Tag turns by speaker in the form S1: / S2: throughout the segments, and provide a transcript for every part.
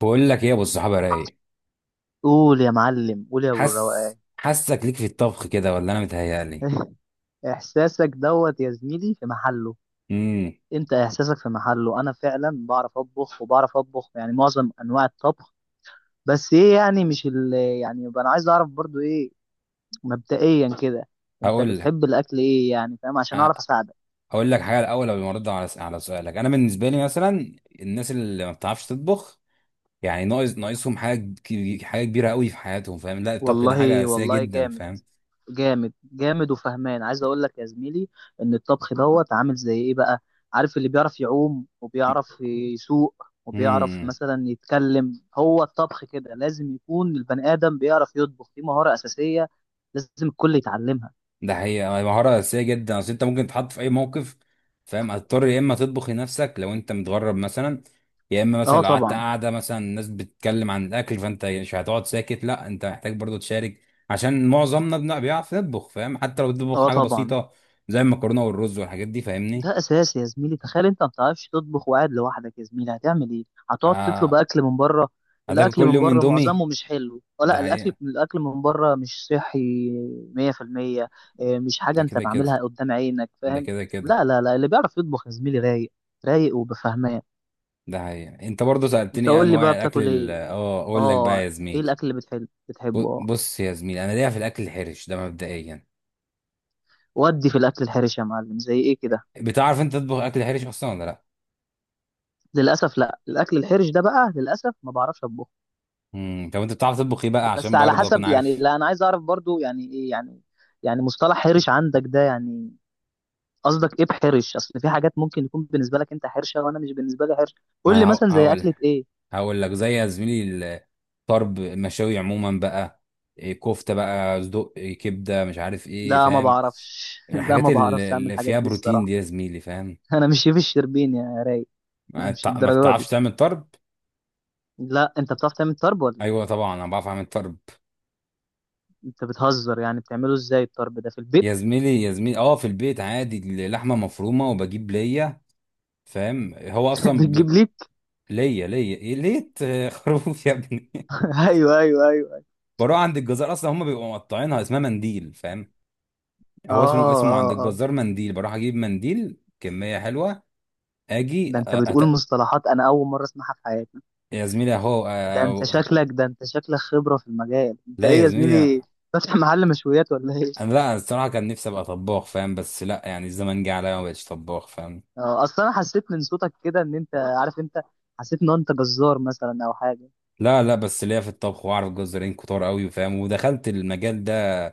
S1: بقول لك ايه يا ابو الصحابه؟ رايق؟
S2: قول يا معلم، قول يا ابو
S1: حس
S2: الروقان.
S1: حاسك ليك في الطبخ كده ولا انا متهيألي؟
S2: احساسك دوت يا زميلي في محله.
S1: امم
S2: انت احساسك في محله، انا فعلا بعرف اطبخ وبعرف اطبخ، معظم انواع الطبخ. بس ايه، يعني مش ال يبقى انا عايز اعرف برضو ايه. مبدئيا كده، انت
S1: هقول لك.
S2: بتحب الاكل ايه يعني، فاهم؟ عشان
S1: أ-
S2: اعرف اساعدك.
S1: هقول لك حاجه الاول قبل ما ارد على على سؤالك. انا بالنسبه لي مثلا الناس اللي ما بتعرفش تطبخ، يعني ناقصهم حاجه حاجه كبيره قوي في حياتهم، فاهم؟ لا، الطبخ ده حاجه
S2: والله
S1: اساسيه
S2: والله
S1: جدا،
S2: جامد،
S1: فاهم؟
S2: جامد جامد وفهمان. عايز اقول لك يا زميلي ان الطبخ دوت عامل زي ايه بقى؟ عارف اللي بيعرف يعوم وبيعرف يسوق وبيعرف
S1: امم
S2: مثلا يتكلم، هو الطبخ كده، لازم يكون البني ادم بيعرف يطبخ، دي مهارة اساسية لازم الكل يتعلمها.
S1: ده حقيقة، مهارة أساسية جدا. أصل أنت ممكن تتحط في أي موقف، فاهم، هتضطر يا إما تطبخ لنفسك لو أنت متغرب مثلا، يا إما مثلا
S2: اه
S1: لو قعدت
S2: طبعا.
S1: قاعدة، مثلا الناس بتتكلم عن الأكل فأنت مش هتقعد ساكت، لا أنت محتاج برضو تشارك. عشان معظمنا بيعرف يطبخ، فاهم، حتى لو بتطبخ
S2: اه
S1: حاجة
S2: طبعا.
S1: بسيطة زي المكرونة والرز والحاجات دي، فاهمني.
S2: ده اساسي يا زميلي، تخيل انت ما بتعرفش تطبخ وقاعد لوحدك يا زميلي، هتعمل ايه؟ هتقعد تطلب
S1: آه،
S2: اكل من بره.
S1: هتاكل
S2: الاكل
S1: كل
S2: من
S1: يوم
S2: بره
S1: إندومي.
S2: معظمه مش حلو، أو
S1: ده
S2: لا، الاكل
S1: حقيقة.
S2: من بره مش صحي. 100%. مش حاجه
S1: ده
S2: انت
S1: كده كده.
S2: بعملها قدام عينك،
S1: ده
S2: فاهم؟
S1: كده كده.
S2: لا لا لا، اللي بيعرف يطبخ يا زميلي رايق، رايق وبفهمان.
S1: ده حقيقة. أنت برضو سألتني
S2: انت
S1: إيه
S2: قول لي
S1: أنواع
S2: بقى،
S1: الأكل،
S2: بتاكل
S1: ال-
S2: ايه؟
S1: أه أقول لك بقى
S2: اه،
S1: يا
S2: ايه
S1: زميلي.
S2: الاكل اللي بتحبه؟ اه،
S1: بص يا زميلي، انا ليا في الاكل الحرش ده مبدئيا.
S2: ودي في الاكل الحرش يا معلم، زي ايه كده؟
S1: بتعرف انت تطبخ اكل حرش اصلا ولا لا؟
S2: للاسف لا، الاكل الحرش ده بقى للاسف ما بعرفش اطبخه.
S1: طب انت بتعرف تطبخ ايه بقى
S2: بس
S1: عشان
S2: على
S1: برضه اكون
S2: حسب، يعني
S1: عارف.
S2: لا انا عايز اعرف برضو يعني ايه يعني، يعني مصطلح حرش عندك ده يعني، قصدك ايه بحرش؟ اصل في حاجات ممكن يكون بالنسبه لك انت حرشه وانا مش بالنسبه لي حرش.
S1: ما
S2: قول لي
S1: انا هق-
S2: مثلا زي
S1: هقول.
S2: اكله ايه.
S1: هقول لك زي، يا زميلي، الطرب المشاوي عموما بقى، إيه، كفته بقى صدق، إيه، كبده، مش عارف ايه،
S2: لا ما
S1: فاهم.
S2: بعرفش. لا
S1: الحاجات
S2: ما بعرفش اعمل
S1: اللي
S2: الحاجات
S1: فيها
S2: دي
S1: بروتين دي
S2: الصراحه.
S1: يا زميلي، فاهم.
S2: انا مش شيف الشربين يا راي. مش
S1: ما
S2: الدرجه
S1: بتعرفش
S2: دي.
S1: تعمل طرب؟
S2: لا، انت بتعرف تعمل طرب ولا إيه؟
S1: ايوه طبعا، انا بعرف اعمل طرب.
S2: انت بتهزر، يعني بتعمله ازاي الطرب ده في البيت؟
S1: يا زميلي، اه، في البيت عادي، لحمه مفرومه وبجيب ليا، فاهم. هو اصلا
S2: بتجيب ليك؟
S1: ليا إيه؟ ليه خروف يا ابني.
S2: ايوه ايوه ايوه.
S1: بروح عند الجزار، اصلا هم بيبقوا مقطعينها اسمها منديل، فاهم.
S2: اه
S1: هو اسمه
S2: اه
S1: عند
S2: اه،
S1: الجزار منديل، بروح اجيب منديل كميه حلوه. اجي أ-
S2: ده انت بتقول
S1: أت...
S2: مصطلحات انا اول مره اسمعها في حياتي.
S1: يا زميلي،
S2: ده انت شكلك، خبرة في المجال، انت
S1: لا
S2: ايه
S1: يا
S2: يا
S1: زميلي،
S2: زميلي، فاتح محل مشويات ولا ايه؟
S1: انا، لا الصراحه كان نفسي ابقى طباخ، فاهم، بس لا يعني الزمن جه عليا ما بقتش طباخ، فاهم.
S2: اه اصلا انا حسيت من صوتك كده ان انت عارف انت، حسيت ان انت جزار مثلا او حاجة.
S1: لا لا، بس ليا في الطبخ واعرف جزارين كتار قوي، فاهم، ودخلت المجال ده،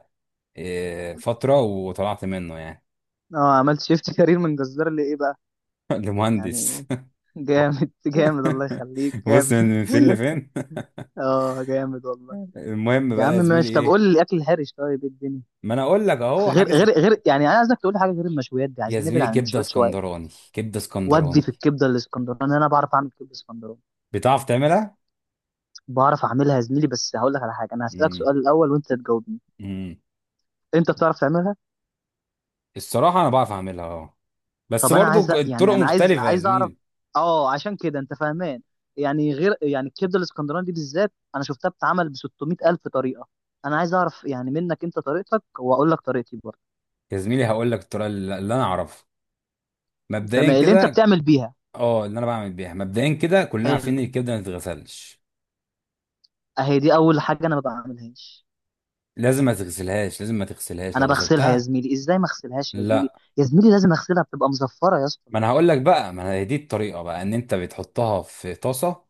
S1: إيه، فتره وطلعت منه يعني.
S2: اه، عملت شيفت كارير من جزار لايه بقى
S1: لمهندس.
S2: يعني؟ جامد جامد، الله يخليك،
S1: بص
S2: جامد.
S1: من فين لفين.
S2: اه جامد والله.
S1: المهم
S2: يا عم
S1: بقى يا زميلي،
S2: ماشي، طب قول
S1: ايه،
S2: لي الاكل الحرش، طيب ايه الدنيا؟
S1: ما انا اقول لك اهو
S2: غير
S1: حاجه زي،
S2: يعني، انا عايزك تقول لي حاجه غير المشويات دي،
S1: يا
S2: عايزين نبعد
S1: زميلي،
S2: عن
S1: كبده
S2: المشويات شويه.
S1: اسكندراني، كبده
S2: ودي
S1: اسكندراني.
S2: في الكبده الاسكندراني، انا بعرف اعمل كبده اسكندراني.
S1: بتعرف تعملها؟
S2: بعرف اعملها يا زميلي، بس هقول لك على حاجه، انا هسالك
S1: امم.
S2: سؤال الاول وانت تجاوبني.
S1: امم.
S2: انت بتعرف تعملها؟
S1: الصراحه انا بعرف اعملها، اه، بس
S2: طب انا
S1: برضو
S2: عايز
S1: الطرق
S2: انا عايز
S1: مختلفه يا
S2: اعرف،
S1: زميلي.
S2: اه عشان كده انت فاهمان، يعني غير يعني الكبده الاسكندراني دي بالذات، انا شفتها بتتعمل ب 600 الف طريقه. انا عايز اعرف يعني منك انت طريقتك، واقول لك طريقتي برضه.
S1: يا زميلي هقول لك الطريقه اللي انا اعرفها،
S2: تمام،
S1: مبدئيا
S2: اللي انت
S1: كده.
S2: بتعمل بيها.
S1: اه، اللي انا بعمل بيها مبدئيا كده، كلنا
S2: حلو،
S1: عارفين ان الكبده ما تتغسلش.
S2: اهي دي اول حاجه انا ما بعملهاش.
S1: لازم ما تغسلهاش، لازم ما تغسلهاش لو
S2: انا بغسلها يا
S1: غسلتها.
S2: زميلي، ازاي ما اغسلهاش يا زميلي؟
S1: لا،
S2: يا زميلي لازم اغسلها، بتبقى مزفره يا اسطى.
S1: ما انا هقول لك بقى ما انا هي دي الطريقه بقى، ان انت بتحطها في طاسه،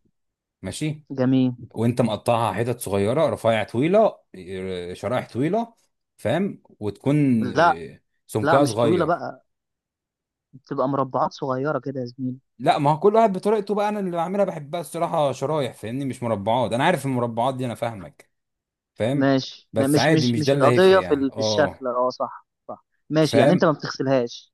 S1: ماشي،
S2: جميل.
S1: وانت مقطعها حتت صغيره، رفيع طويله، إيه، شرائح طويله، فاهم، وتكون،
S2: لا
S1: إيه،
S2: لا،
S1: سمكها
S2: مش طويله
S1: صغير.
S2: بقى، تبقى مربعات صغيرة كده يا زميلي.
S1: لا، ما هو كل واحد بطريقته بقى، انا اللي بعملها بحبها الصراحه شرايح، فاهمني، مش مربعات، انا عارف المربعات دي، انا فاهمك، فاهم،
S2: ماشي
S1: بس عادي مش ده
S2: مش
S1: اللي هيفرق
S2: القضية
S1: يعني،
S2: في
S1: اه،
S2: الشكل، اه صح صح، ماشي يعني انت
S1: فاهم.
S2: ما بتغسلهاش.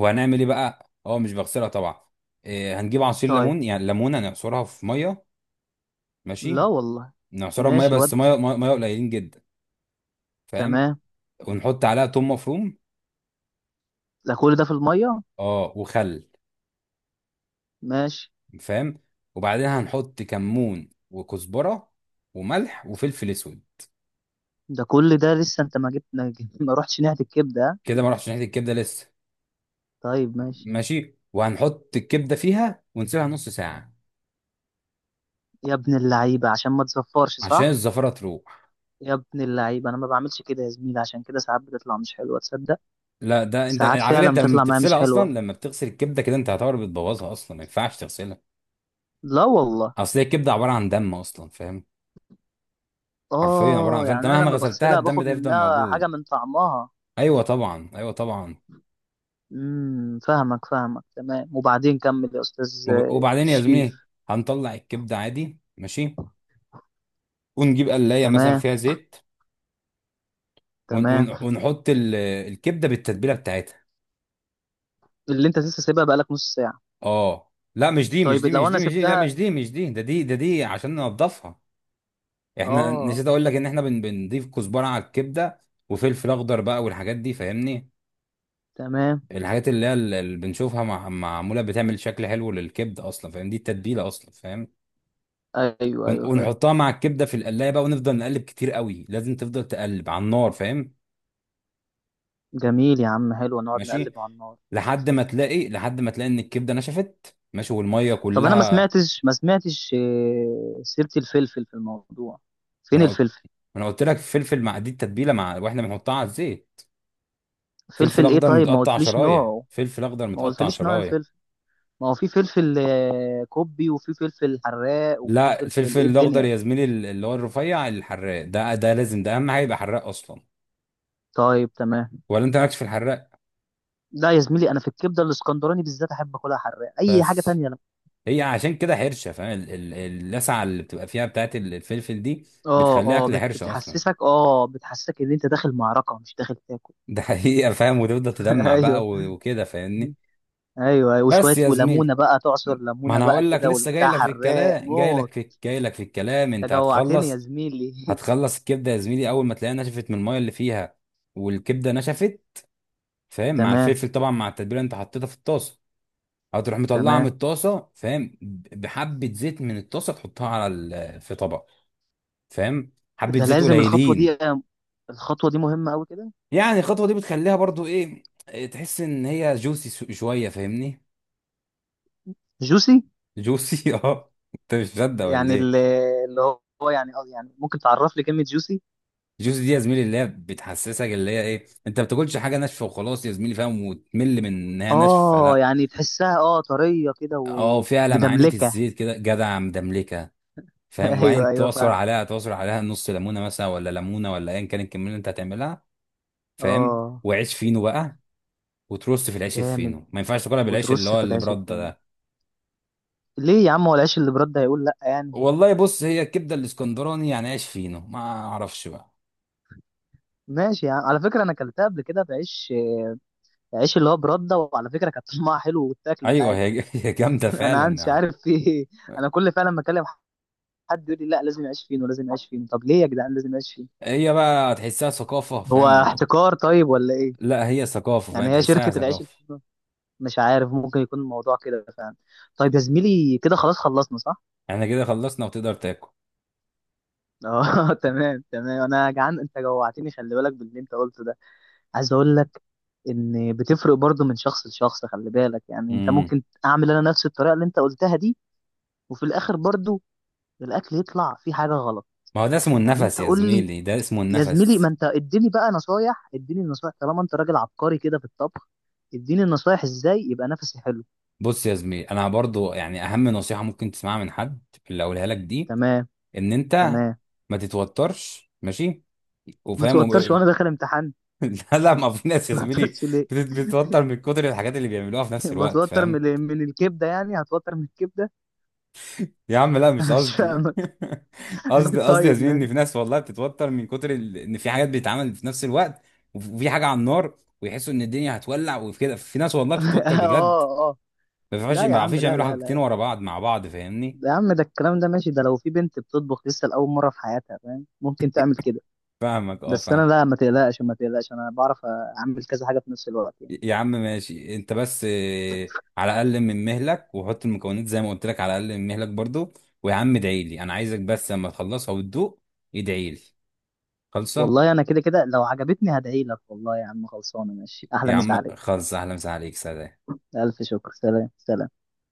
S1: وهنعمل ايه بقى؟ اه، مش بغسلها طبعا، إيه، هنجيب عصير
S2: طيب.
S1: ليمون، يعني ليمونه نعصرها في ميه،
S2: لا
S1: ماشي،
S2: والله.
S1: نعصرها بميه
S2: ماشي
S1: بس،
S2: ود،
S1: ميه مية قليلين جدا، فاهم.
S2: تمام.
S1: ونحط عليها توم مفروم،
S2: ده كل ده في المية؟
S1: اه، وخل،
S2: ماشي.
S1: فاهم، وبعدين هنحط كمون وكزبره وملح وفلفل اسود.
S2: ده كل ده لسه انت ما جبت- ما رحتش ناحية الكبدة، ها؟
S1: كده ما رحتش ناحيه الكبده لسه،
S2: طيب ماشي.
S1: ماشي، وهنحط الكبده فيها ونسيبها نص ساعه
S2: يا ابن اللعيبة، عشان ما تزفرش
S1: عشان
S2: صح؟
S1: الزفره تروح.
S2: يا ابن اللعيبة انا ما بعملش كده يا زميلي، عشان كده ساعات بتطلع مش حلوة، تصدق؟
S1: لا، ده انت
S2: ساعات
S1: على فكره،
S2: فعلا
S1: انت لما
S2: بتطلع معايا مش
S1: بتغسلها اصلا،
S2: حلوة.
S1: لما بتغسل الكبده كده انت هتعتبر بتبوظها اصلا، ما ينفعش تغسلها.
S2: لا والله.
S1: اصل هي الكبده عباره عن دم اصلا، فاهم، حرفيا عباره عن،
S2: اه يعني
S1: فانت
S2: انا
S1: مهما
S2: لما
S1: غسلتها
S2: بغسلها
S1: الدم
S2: باخد
S1: ده يفضل
S2: منها حاجة
S1: موجود.
S2: من طعمها.
S1: ايوه طبعا، ايوه طبعا.
S2: امم، فاهمك فاهمك، تمام. وبعدين كمل يا استاذ
S1: وبعدين يا
S2: شريف.
S1: زميلي هنطلع الكبده عادي، ماشي، ونجيب قلايه مثلا
S2: تمام
S1: فيها زيت. ون ون
S2: تمام.
S1: ونحط الكبده بالتتبيله بتاعتها.
S2: اللي انت لسه سايبها بقالك نص ساعه؟
S1: اه، لا مش دي، مش
S2: طيب
S1: دي،
S2: لو
S1: مش
S2: انا
S1: دي، مش دي، لا مش
S2: سبتها.
S1: دي، مش دي، ده دي، ده دي عشان ننضفها. احنا،
S2: اه.
S1: نسيت اقول لك ان احنا بنضيف كزبره على الكبده وفلفل اخضر بقى والحاجات دي، فاهمني،
S2: تمام.
S1: الحاجات اللي هي اللي بنشوفها مع معموله بتعمل شكل حلو للكبده اصلا، فاهم، دي التتبيله اصلا، فاهم.
S2: ايوه ايوه فاهم.
S1: ونحطها مع الكبده في القلايه بقى، ونفضل نقلب كتير قوي، لازم تفضل تقلب على النار، فاهم،
S2: جميل يا عم، حلو، نقعد
S1: ماشي،
S2: نقلب على النار.
S1: لحد ما تلاقي ان الكبده نشفت، ماشي، والميه
S2: طب انا
S1: كلها.
S2: ما سمعتش سيره الفلفل في الموضوع.
S1: ما
S2: فين
S1: انا قلت
S2: الفلفل؟
S1: ما انا قلت لك فلفل مع دي التتبيله، مع واحنا بنحطها على الزيت، فلفل
S2: فلفل ايه؟
S1: اخضر
S2: طيب ما
S1: متقطع
S2: قلتليش
S1: شرايح،
S2: نوعه،
S1: فلفل اخضر
S2: ما
S1: متقطع
S2: قلتليش نوع
S1: شرايح.
S2: الفلفل. ما هو في فلفل كوبي، وفي فلفل حراق، وفي
S1: لا،
S2: فلفل
S1: الفلفل
S2: ايه
S1: الاخضر
S2: الدنيا.
S1: يا زميلي، اللي هو الرفيع الحراق ده، ده لازم، ده اهم حاجه يبقى حراق اصلا.
S2: طيب تمام.
S1: ولا انت مالكش في الحراق؟
S2: لا يا زميلي، انا في الكبده الاسكندراني بالذات احب اكلها حراق، اي حاجه
S1: بس،
S2: تانية انا.
S1: هي عشان كده حرشه، فاهم، اللسعه اللي بتبقى فيها بتاعت الفلفل دي
S2: اه
S1: بتخليها
S2: اه،
S1: اكل حرشه اصلا.
S2: بتحسسك، اه بتحسسك ان انت داخل معركه مش داخل تاكل.
S1: ده حقيقه، فاهم، وتفضل تدمع
S2: ايوه
S1: بقى وكده، فاهمني.
S2: ايوه. أيوة.
S1: بس
S2: وشويه
S1: يا
S2: وليمونه
S1: زميلي
S2: بقى، تعصر
S1: ما
S2: ليمونه
S1: انا
S2: بقى
S1: هقول لك
S2: كده
S1: لسه جاي
S2: والبتاع،
S1: لك في
S2: حراق
S1: الكلام،
S2: موت.
S1: جاي لك في الكلام،
S2: انت
S1: انت
S2: جوعتني يا
S1: هتخلص.
S2: زميلي.
S1: هتخلص الكبده يا زميلي اول ما تلاقيها نشفت من الميه اللي فيها، والكبده نشفت، فاهم، مع
S2: تمام
S1: الفلفل طبعا، مع التتبيله اللي انت حطيتها في الطاسه، هتروح مطلعها من
S2: تمام.
S1: الطاسه، فاهم، بحبه زيت من الطاسه تحطها على في طبق، فاهم، حبه
S2: ده
S1: زيت
S2: لازم الخطوه دي،
S1: قليلين.
S2: الخطوه دي مهمه قوي كده؟
S1: يعني الخطوه دي بتخليها برضو إيه، تحس ان هي جوسي شويه، فاهمني.
S2: جوسي،
S1: جوسي؟ اه، انت مش مصدق ولا
S2: يعني
S1: ايه؟
S2: ال- اللي هو يعني يعني ممكن تعرف لي كلمه جوسي؟
S1: الجوز دي يا زميلي اللي هي بتحسسك، اللي هي ايه، انت ما بتاكلش حاجه ناشفه وخلاص يا زميلي، فاهم، وتمل من انها ناشفه،
S2: اه
S1: لا،
S2: يعني تحسها اه طريه كده
S1: اه، فيها لمعانه
S2: ومدملكه.
S1: الزيت كده جدع، مدملكه، فاهم،
S2: ايوه
S1: وبعدين
S2: ايوه فاهم.
S1: تعصر عليها نص ليمونه مثلا، ولا ليمونه، ولا ايا كان الكميه اللي انت هتعملها، فاهم،
S2: اه
S1: وعيش فينو بقى، وترص في العيش
S2: جامد،
S1: الفينو. ما ينفعش تاكلها بالعيش
S2: وترص في
S1: اللي
S2: العيش
S1: برده
S2: التاني؟
S1: ده.
S2: ليه يا عم، هو العيش اللي برده هيقول لا يعني؟
S1: والله بص، هي الكبده الاسكندراني يعني عيش فينو، ما اعرفش بقى.
S2: ماشي يا عم، على فكره انا اكلتها قبل كده بعيش، عيش اللي هو برده، وعلى فكره كانت طعمها حلو، واتاكلت
S1: ايوه،
S2: عادي.
S1: هي هي جامده
S2: انا مش
S1: فعلا.
S2: عارف في ايه. انا كل فعلا ما اكلم حد يقول لي لا لازم يعيش فين ولازم يعيش فين، طب ليه يا جدعان لازم يعيش فين؟
S1: هي بقى تحسها ثقافه،
S2: هو
S1: فاهم،
S2: احتكار طيب ولا ايه؟
S1: لا هي ثقافة،
S2: يعني
S1: فاهم،
S2: هي
S1: تحسها
S2: شركه العيش
S1: ثقافة.
S2: الفينو؟ مش عارف، ممكن يكون الموضوع كده فعلا. طيب يا زميلي كده خلاص خلصنا صح؟
S1: احنا كده خلصنا وتقدر تاكل.
S2: اه. تمام تمام. انا جعان، انت جوعتني. خلي بالك باللي انت قلته ده، عايز اقول لك ان بتفرق برضو من شخص لشخص. خلي بالك يعني، انت
S1: امم
S2: ممكن اعمل انا نفس الطريقه اللي انت قلتها دي، وفي الاخر برضو الاكل يطلع فيه حاجه غلط.
S1: ما هو ده اسمه
S2: يعني
S1: النفس
S2: انت
S1: يا
S2: قول لي
S1: زميلي، ده اسمه
S2: يا زميلي، ما
S1: النفس.
S2: انت اديني بقى نصايح، اديني نصايح طالما انت راجل عبقري كده في الطبخ، اديني النصايح ازاي يبقى نفسي حلو.
S1: بص يا زميلي، انا برضو يعني اهم نصيحة ممكن تسمعها من حد اللي اقولها لك دي،
S2: تمام.
S1: ان انت
S2: تمام.
S1: ما تتوترش، ماشي،
S2: ما
S1: وفاهم
S2: توترش وانا داخل امتحان؟
S1: لا لا، ما، في ناس يا
S2: ما
S1: زميلي
S2: توترش ليه؟
S1: بتتوتر من كتر الحاجات اللي بيعملوها في نفس الوقت،
S2: بتوتر
S1: فاهم.
S2: من من الكبده؟ يعني هتوتر من الكبده؟
S1: يا عم لا مش
S2: انا مش
S1: قصدي.
S2: فاهم.
S1: قصدي يا
S2: طيب
S1: زميلي ان
S2: ماشي.
S1: في ناس والله بتتوتر من كتر ان في حاجات بيتعمل في نفس الوقت، وفي حاجه على النار، ويحسوا ان الدنيا هتولع وكده، في ناس والله
S2: اه
S1: بتتوتر بجد.
S2: اه. لا
S1: ما
S2: يا عم،
S1: بيعرفوش
S2: لا
S1: يعملوا
S2: لا
S1: حاجتين
S2: لا،
S1: ورا بعض مع بعض، فاهمني.
S2: يا عم ده الكلام ده ماشي، ده لو في بنت بتطبخ لسه لأول مرة في حياتها فاهم، ممكن تعمل كده.
S1: فاهمك، اه،
S2: بس
S1: فاهم.
S2: انا لا، ما تقلقش ما تقلقش، انا بعرف اعمل كذا حاجة في نفس الوقت يعني.
S1: يا عم ماشي، انت بس، على الاقل من مهلك وحط المكونات زي ما قلت لك، على الاقل من مهلك برضو. ويا عم ادعي لي، انا عايزك بس لما تخلصها وتدوق، ادعي لي، خلصه.
S2: والله انا كده كده لو عجبتني هدعي لك، والله يا عم خلصانة، ماشي، احلى
S1: يا
S2: مسا
S1: عم
S2: عليك.
S1: خلص، اهلا وسهلا عليك، سلام.
S2: الف شكر، سلام سلام.